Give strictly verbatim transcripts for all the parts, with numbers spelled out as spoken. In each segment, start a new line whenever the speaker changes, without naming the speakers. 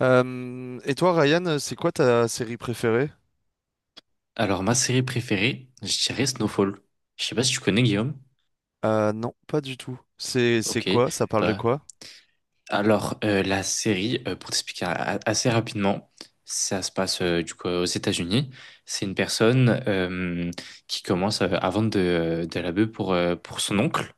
Euh, et toi, Ryan, c'est quoi ta série préférée?
Alors, ma série préférée, je dirais Snowfall. Je sais pas si tu connais, Guillaume.
Euh, non, pas du tout. C'est c'est
Ok.
quoi? Ça parle de
Bah,
quoi?
alors, euh, la série, euh, pour t'expliquer a- assez rapidement, ça se passe euh, du coup aux États-Unis. C'est une personne euh, qui commence euh, à vendre de, de la bœuf pour, euh, pour son oncle.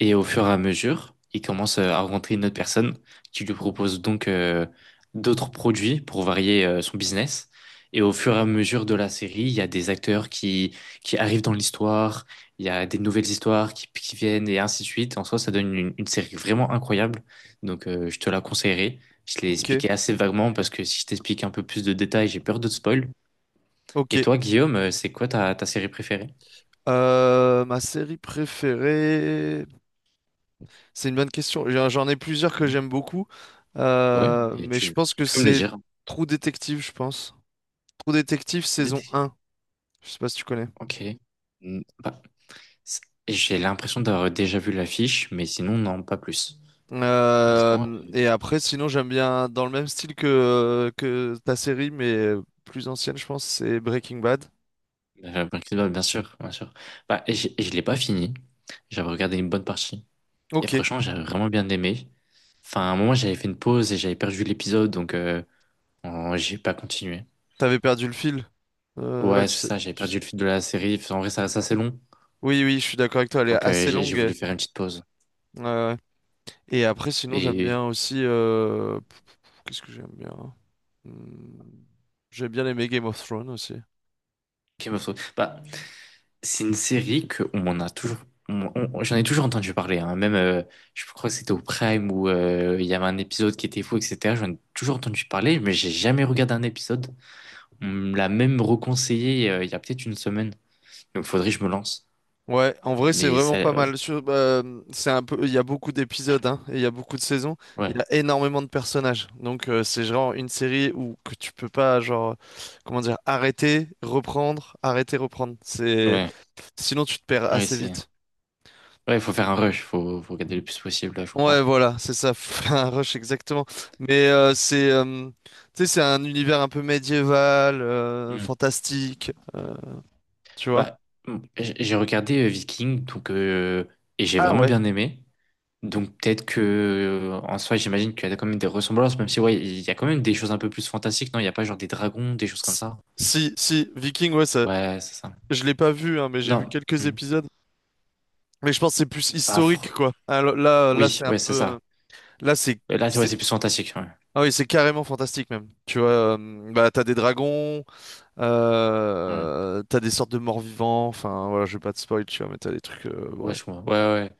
Et au fur et à mesure, il commence euh, à rencontrer une autre personne qui lui propose donc euh, d'autres produits pour varier euh, son business. Et au fur et à mesure de la série, il y a des acteurs qui, qui arrivent dans l'histoire, il y a des nouvelles histoires qui, qui viennent et ainsi de suite. En soi, ça donne une, une série vraiment incroyable. Donc, euh, je te la conseillerais. Je l'ai
Ok,
expliqué assez vaguement parce que si je t'explique un peu plus de détails, j'ai peur de te spoil. Et
ok.
toi, Guillaume, euh, c'est quoi ta, ta série préférée?
Euh, ma série préférée, c'est une bonne question. J'en j'en ai plusieurs que j'aime
Mhm.
beaucoup.
Ouais,
Euh,
et
mais je
tu,
pense que
tu peux me les
c'est
dire.
Trou Détective, je pense. Trou Détective saison un. Je sais pas si tu connais.
Ok. Mm, bah, c- j'ai l'impression d'avoir déjà vu l'affiche, mais sinon, non, pas plus. Honnêtement,
Euh,
euh,
et après, sinon, j'aime bien dans le même style que que ta série, mais plus ancienne, je pense, c'est Breaking Bad.
la Breaking Bad, bien sûr, bien sûr. Bah, et j'ai- et je l'ai pas fini. J'avais regardé une bonne partie. Et
Ok,
franchement, j'avais vraiment bien aimé. Enfin, à un moment, j'avais fait une pause et j'avais perdu l'épisode, donc euh, en- j'ai pas continué.
t'avais perdu le fil. Euh, ouais,
Ouais,
tu
c'est
sais,
ça, j'avais
tu sais-
perdu le fil de la série. Enfin, En vrai, ça, ça c'est long.
oui, oui, je suis d'accord avec toi, elle est
Donc, euh,
assez
j'ai j'ai
longue.
voulu faire une petite pause.
euh, Et après, sinon, j'aime
Et
bien aussi. euh, pff, Qu'est-ce que j'aime bien? Hmm, J'aime bien les Game of Thrones aussi.
Game of Thrones. Bah, C'est une série que on a toujours, on- on- j'en ai toujours entendu parler. Hein. Même, euh, je crois que c'était au Prime où euh, il y avait un épisode qui était fou, et cetera. J'en ai toujours entendu parler, mais j'ai jamais regardé un épisode. On me l'a même reconseillé euh, il y a peut-être une semaine. Donc, faudrait que je me lance.
Ouais, en vrai, c'est
Mais
vraiment
ça,
pas
ouais,
mal. Sur- euh, c'est un peu, il y a beaucoup d'épisodes, hein, et il y a beaucoup de saisons. Il
ouais,
y a énormément de personnages, donc euh, c'est genre une série où que tu peux pas, genre, comment dire, arrêter, reprendre, arrêter, reprendre. C'est,
ouais,
sinon tu te perds
ouais,
assez
c'est,
vite.
ouais, faut faire un rush, faut, faut regarder le plus possible là, je
Ouais,
crois.
voilà, c'est ça, un rush exactement. Mais euh, c'est, euh, tu sais, c'est un univers un peu médiéval, euh,
Hmm.
fantastique, euh, tu vois.
Bah, hmm, j'ai j'ai regardé euh, Viking, donc euh, et j'ai
Ah
vraiment
ouais.
bien aimé. Donc peut-être que euh, en soi, j'imagine qu'il y a quand même des ressemblances, même si ouais, il y a quand même des choses un peu plus fantastiques, non? Il n'y a pas genre des dragons, des choses comme
S-
ça?
Si, si, Viking, ouais, ça,
Ouais, c'est ça.
je l'ai pas vu, hein, mais j'ai vu
Non,
quelques
hmm,
épisodes. Mais je pense que c'est plus
pas
historique,
fr-
quoi. Alors, là, là,
Oui,
c'est un
ouais,
peu,
c'est ça.
euh, là, c'est,
Euh, Là, c'est ouais,
c'est-
c'est plus fantastique. Ouais,
ah oui, c'est carrément fantastique même. Tu vois, euh, bah, t'as des dragons,
ouais,
euh, t'as des sortes de morts-vivants. Enfin, voilà, je vais pas te spoil, tu vois, mais t'as des trucs, euh,
Ouais,
ouais.
je comprends. Ouais, ouais.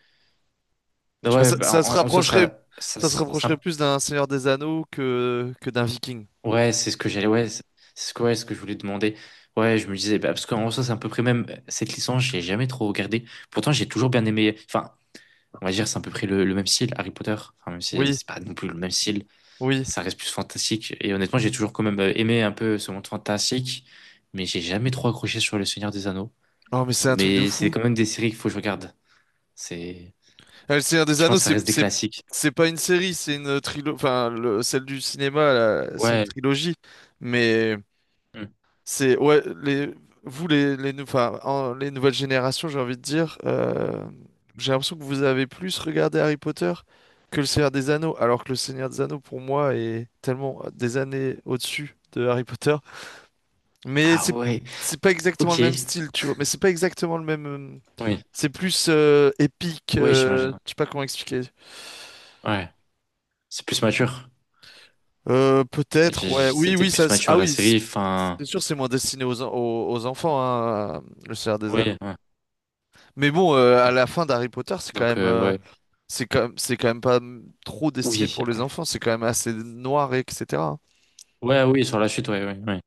Non,
Tu vois,
ouais,
ça,
bah,
ça se
en, en soi,
rapprocherait,
ça, ça,
ça se
c'est-
rapprocherait
ça-
plus d'un Seigneur des Anneaux que, que d'un Viking.
ouais, c'est ce que j'allais, ouais, c'est c'est ce que, ouais, ce que je voulais demander. Ouais, je me disais, bah, parce qu'en soi, c'est à peu près même euh, cette licence, j'ai jamais trop regardé. Pourtant, j'ai toujours bien aimé. Enfin, on va dire, c'est à peu près le, le même style, Harry Potter. Enfin, même si
Oui,
c'est pas non plus le même style.
oui.
ça reste plus fantastique. Et honnêtement, j'ai toujours quand même euh, aimé un peu ce monde fantastique, mais j'ai jamais trop accroché sur Le Seigneur des Anneaux.
Oh, mais c'est un truc de
Mais c'est
fou.
quand même des séries qu'il faut que je regarde. C'est,
Euh, Le Seigneur des
je
Anneaux,
pense, que ça
c'est,
reste des
c'est,
classiques.
c'est pas une série, c'est une trilogie. Enfin, le- celle du cinéma, là, c'est une
Ouais.
trilogie. Mais
Hmm.
c'est, ouais, les, vous, les, les, nou- enfin, en- les nouvelles générations, j'ai envie de dire, euh, j'ai l'impression que vous avez plus regardé Harry Potter que le Seigneur des Anneaux, alors que le Seigneur des Anneaux, pour moi, est tellement des années au-dessus de Harry Potter. Mais
Ah
c'est
ouais.
c'est pas exactement
Ok.
le même style, tu vois. Mais c'est pas exactement le même. euh,
Oui.
C'est plus euh, épique.
Oui,
Euh,
j'imagine.
je sais pas comment expliquer.
Ouais. C'est plus mature.
Euh, peut-être.
J'ai-
Ouais.
j'ai- C'est
Oui, oui.
peut-être plus
Ça. c'est- Ah
mature la
oui. C'est
série.
c'est
Enfin,
sûr, c'est moins destiné aux, en- aux, aux enfants, hein, euh, le Seigneur des
oui.
Anneaux.
ouais.
Mais bon, euh, à la fin d'Harry Potter, c'est quand
Donc
même.
euh,
Euh,
ouais.
c'est quand même. C'est quand même pas mm, trop destiné
Oui.
pour les enfants. C'est quand même assez noir, et etc.
Ouais, Ouais, oui, sur la suite, ouais, ouais, ouais.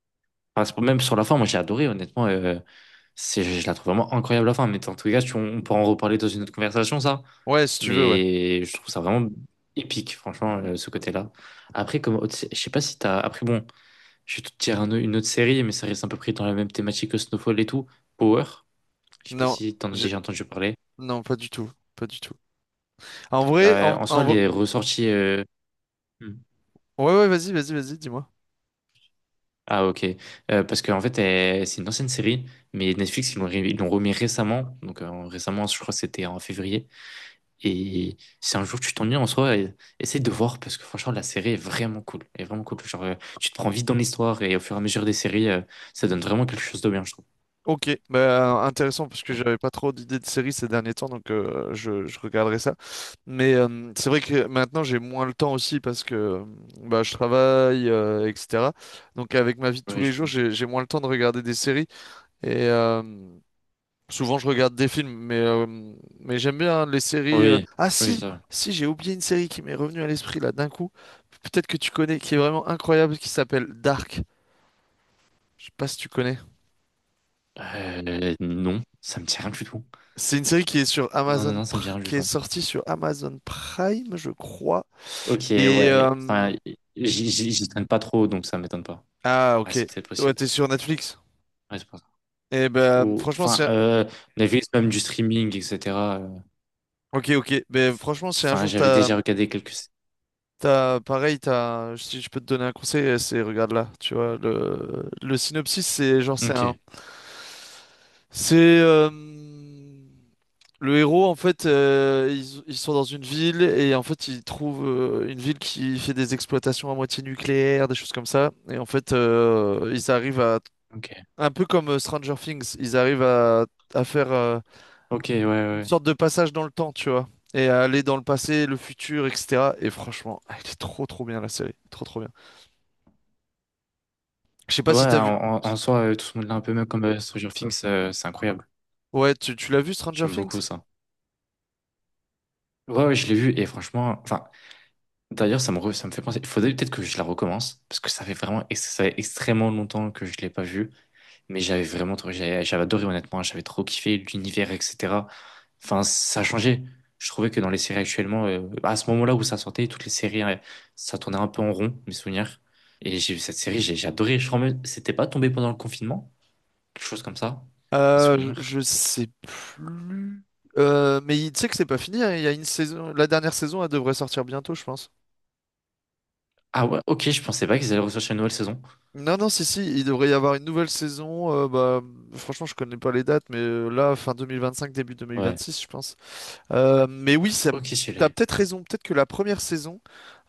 Enfin, c'est- même sur la fin, moi j'ai adoré, honnêtement. euh, C'est, je la trouve vraiment incroyable la fin, mais en tous les cas, tu- on pourra en reparler dans une autre conversation, ça.
Ouais, si tu veux. Ouais.
Mais je trouve ça vraiment épique, franchement, euh, ce côté-là. Après, comme autre sé- je sais pas si t'as. Après, bon, je vais te dire un au- une autre série, mais ça reste à peu près dans la même thématique que Snowfall et tout. Power. Je sais pas
Non.
si t'en as
j'ai-
déjà entendu parler.
Non, pas du tout. Pas du tout. En vrai,
Euh,
en,
en soi,
en-
les ressorties. euh, hmm.
ouais, ouais, vas-y, vas-y, vas-y, dis-moi.
Ah, ok. Euh, parce qu'en fait, elle- c'est une ancienne série, mais Netflix, ils l'ont ré- ils l'ont remis récemment. Donc, euh, récemment, je crois que c'était en février. Et si un jour tu t'ennuies en soi, e- essaie de voir parce que franchement, la série est vraiment cool. Elle est vraiment cool. Genre, euh, tu te prends vite dans l'histoire et au fur et à mesure des séries, euh, ça donne vraiment quelque chose de bien, je trouve.
Ok, bah, intéressant parce que
Ouais.
j'avais pas trop d'idées de séries ces derniers temps, donc euh, je, je regarderai ça. Mais euh, c'est vrai que maintenant j'ai moins le temps aussi parce que euh, bah, je travaille, euh, et cetera. Donc avec ma vie de tous
Oui,
les
je
jours,
comprends.
j'ai, j'ai moins le temps de regarder des séries. Et, euh, souvent, je regarde des films, mais, euh, mais j'aime bien les séries. euh.
Oui,
Ah
oui,
si,
ça.
si, j'ai oublié une série qui m'est revenue à l'esprit là d'un coup. Peut-être que tu connais, qui est vraiment incroyable, qui s'appelle Dark. Je sais pas si tu connais.
Euh, non, ça me dit rien du tout.
C'est une série qui est sur
Non, non,
Amazon,
non, ça me dit
Pr-
rien du
qui est
tout.
sortie sur Amazon Prime, je crois.
Ok,
Et
ouais.
euh,
Enfin, j'y j'y- j'y traîne pas trop, donc ça m'étonne pas.
ah
Ah,
ok,
c'est peut-être
ouais,
possible.
t'es sur Netflix.
Ouais, c'est pour ça.
Et ben
Ou-
franchement, si.
enfin, euh, Netflix, même du streaming, et cetera euh,
Ok, ok. Ben franchement, si un
Enfin,
jour
j'avais
t'as,
déjà regardé quelques.
t'as, pareil, t'as, si je peux te donner un conseil, c'est regarde là, tu vois, le, le synopsis, c'est genre, c'est
Ok,
un, c'est euh, le héros en fait, euh, ils, ils sont dans une ville et en fait ils trouvent euh, une ville qui fait des exploitations à moitié nucléaires, des choses comme ça, et en fait euh, ils arrivent à,
ok,
un peu comme euh, Stranger Things, ils arrivent à, à faire euh,
ok, ouais,
une
ouais.
sorte de passage dans le temps, tu vois. Et à aller dans le passé, le futur, et cetera. Et franchement, elle est trop trop bien la série. Trop trop bien. Je sais
Ouais,
pas si t'as vu.
en, en- en soi, euh, tout ce monde-là, un peu même comme euh, Stranger Things, euh, c'est incroyable.
Ouais, tu, tu l'as vu Stranger
J'aime beaucoup
Things?
ça. Ouais, ouais, je l'ai vu et franchement, enfin, d'ailleurs, ça me, re- ça me fait penser. Il faudrait peut-être que je la recommence parce que ça fait vraiment, ex- ça fait extrêmement longtemps que je l'ai pas vue, mais j'avais vraiment, trop- j'avais j'avais adoré honnêtement, j'avais trop kiffé l'univers, et cetera. Enfin, ça a changé. Je trouvais que dans les séries actuellement, euh, à ce moment-là où ça sortait, toutes les séries, euh, ça tournait un peu en rond, mes souvenirs. Et j'ai vu cette série, j'ai j'ai adoré. Je crois même, c'était pas tombé pendant le confinement, quelque chose comme ça, mes
Euh,
souvenirs.
je je sais plus. Euh, mais il- tu sais que c'est pas fini, hein, il y a une saison. La dernière saison, elle devrait sortir bientôt, je pense.
Ah ouais, ok, je pensais pas qu'ils allaient ressortir une nouvelle saison.
Non, non, si, si, il devrait y avoir une nouvelle saison. Euh, bah, franchement, je connais pas les dates, mais euh, là, fin vingt vingt-cinq, début
Ouais,
vingt vingt-six, je pense. Euh, mais oui, ça,
ok, je
t'as
l'ai.
peut-être raison. Peut-être que la première saison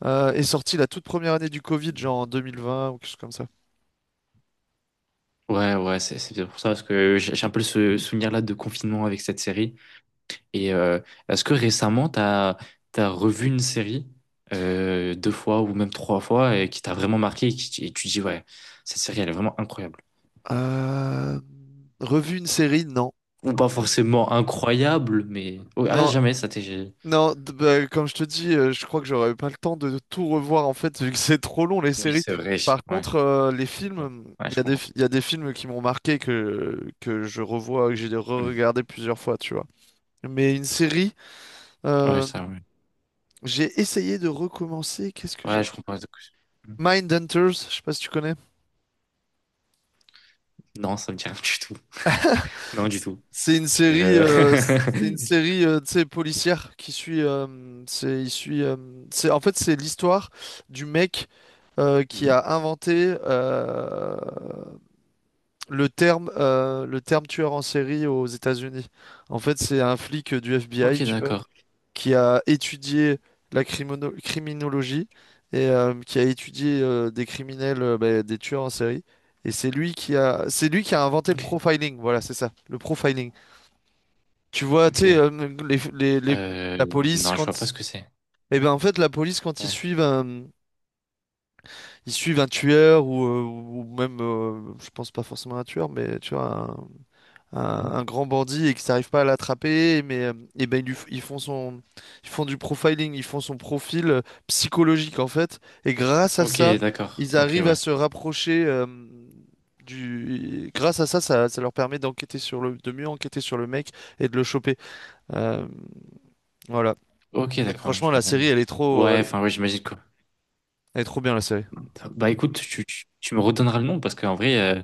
euh, est sortie la toute première année du Covid, genre en deux mille vingt ou quelque chose comme ça.
Ouais, ouais, c'est c'est peut-être pour ça, parce que j'ai j'ai un peu ce souvenir-là de confinement avec cette série. Et euh, est-ce que récemment, t'as, t'as revu une série euh, deux fois ou même trois fois et qui t'a vraiment marqué et, qui, et tu dis, ouais, cette série, elle est vraiment incroyable.
Euh, Revu une série? Non.
Ou
Non.
pas forcément incroyable, mais ouais, ah,
Non.
jamais, ça t'est.
Non, d- bah, comme je te dis, euh, je crois que j'aurais pas le temps de tout revoir en fait, vu que c'est trop long les
Oui,
séries.
c'est vrai.
Par
Ouais,
contre, euh, les films,
ouais,
il y
je
a des,
comprends.
fi- il y a des films qui m'ont marqué que, que je revois, que j'ai
Mm.
re-regardé plusieurs fois, tu vois. Mais une série,
Ouais,
euh,
ça, ouais.
j'ai essayé de recommencer. Qu'est-ce que
Ouais,
j'ai
je comprends. Mm.
Mindhunters, je sais pas si tu connais.
Non, ça me dit rien du tout. Non, du
C-
tout.
C'est une série,
Je.
euh, c'est une série, euh, tu sais, policière qui suit, euh, c'est, il suit, euh, c'est, en fait, c'est l'histoire du mec euh, qui
Hmm.
a inventé euh, le terme, euh, le terme tueur en série aux États-Unis. En fait, c'est un flic du F B I,
Ok, d'accord.
qui a étudié la crimono- criminologie et euh, qui a étudié euh, des criminels, euh, bah, des tueurs en série. Et c'est lui qui a, c'est lui qui a inventé le
Ok,
profiling. Voilà, c'est ça, le profiling. Tu vois, tu sais,
ok.
euh, les- les- les-
Euh,
la police
non, je
quand,
vois pas ce que c'est.
eh ben en fait, la police quand ils
Ouais.
suivent un, ils suivent un tueur ou, euh, ou même, euh, je pense pas forcément un tueur, mais tu vois, un,
Hmm.
un grand bandit et qu'ils n'arrivent pas à l'attraper, mais euh, eh ben, ils, lui f- ils font son, ils font du profiling, ils font son profil euh, psychologique en fait, et grâce à
Ok,
ça,
d'accord.
ils
Ok,
arrivent à
ouais.
se rapprocher euh, du. Grâce à ça, ça, ça leur permet d'enquêter sur le, de mieux enquêter sur le mec et de le choper. Euh, voilà.
Ok, d'accord, ouais,
Franchement,
je
la
comprends
série,
mieux.
elle est trop,
Ouais,
elle est,
enfin, ouais, j'imagine quoi.
elle est trop bien la série.
Bah écoute, tu, tu, tu me redonneras le nom parce qu'en vrai, euh,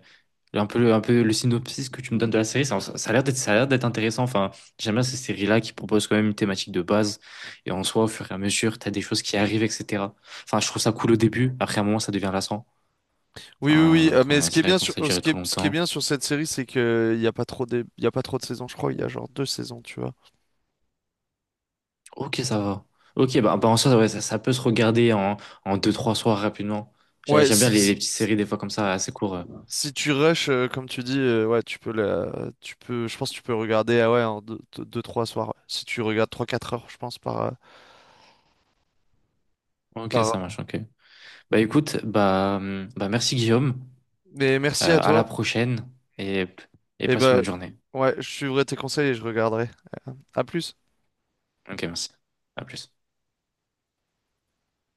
un peu, le- un peu le synopsis que tu me donnes de la série, ça, ça a l'air d'être, ça a l'air d'être intéressant. Enfin, j'aime bien ces séries-là qui proposent quand même une thématique de base et en soi, au fur et à mesure, t'as des choses qui arrivent, et cetera. Enfin, je trouve ça cool au début. Après, à un moment, ça devient lassant.
Oui, oui, oui.
Enfin,
Euh, mais
quand
ce qui est
c'est vrai
bien
qu'on
sur,
ça
euh, ce
durait
qui est,
trop
ce qui est
longtemps.
bien sur cette série, c'est que il y a pas trop de, il y a pas trop de saisons. Je crois il y a genre deux saisons, tu vois.
Ok, ça va. Ok, bah, bah, en soi, ouais, ça, ça peut se regarder en, en deux, trois soirs rapidement. J'ai-
Ouais,
J'aime bien les, les
c-
petites
c-
séries des fois comme ça, assez court. euh.
Si tu rushes, euh, comme tu dis, euh, ouais, tu peux la, tu peux, je pense que tu peux regarder, ah ouais, en deux, deux, deux, trois soirs. Ouais. Si tu regardes trois, quatre heures, je pense, par, euh,
Ok,
par.
ça marche, ok. Bah écoute, bah, hum, bah merci, Guillaume.
Mais merci à
Euh, à la
toi.
prochaine et, et
Et
passe une
ben,
bonne journée.
ouais, je suivrai tes conseils et je regarderai. À plus.
Ok, merci. À plus.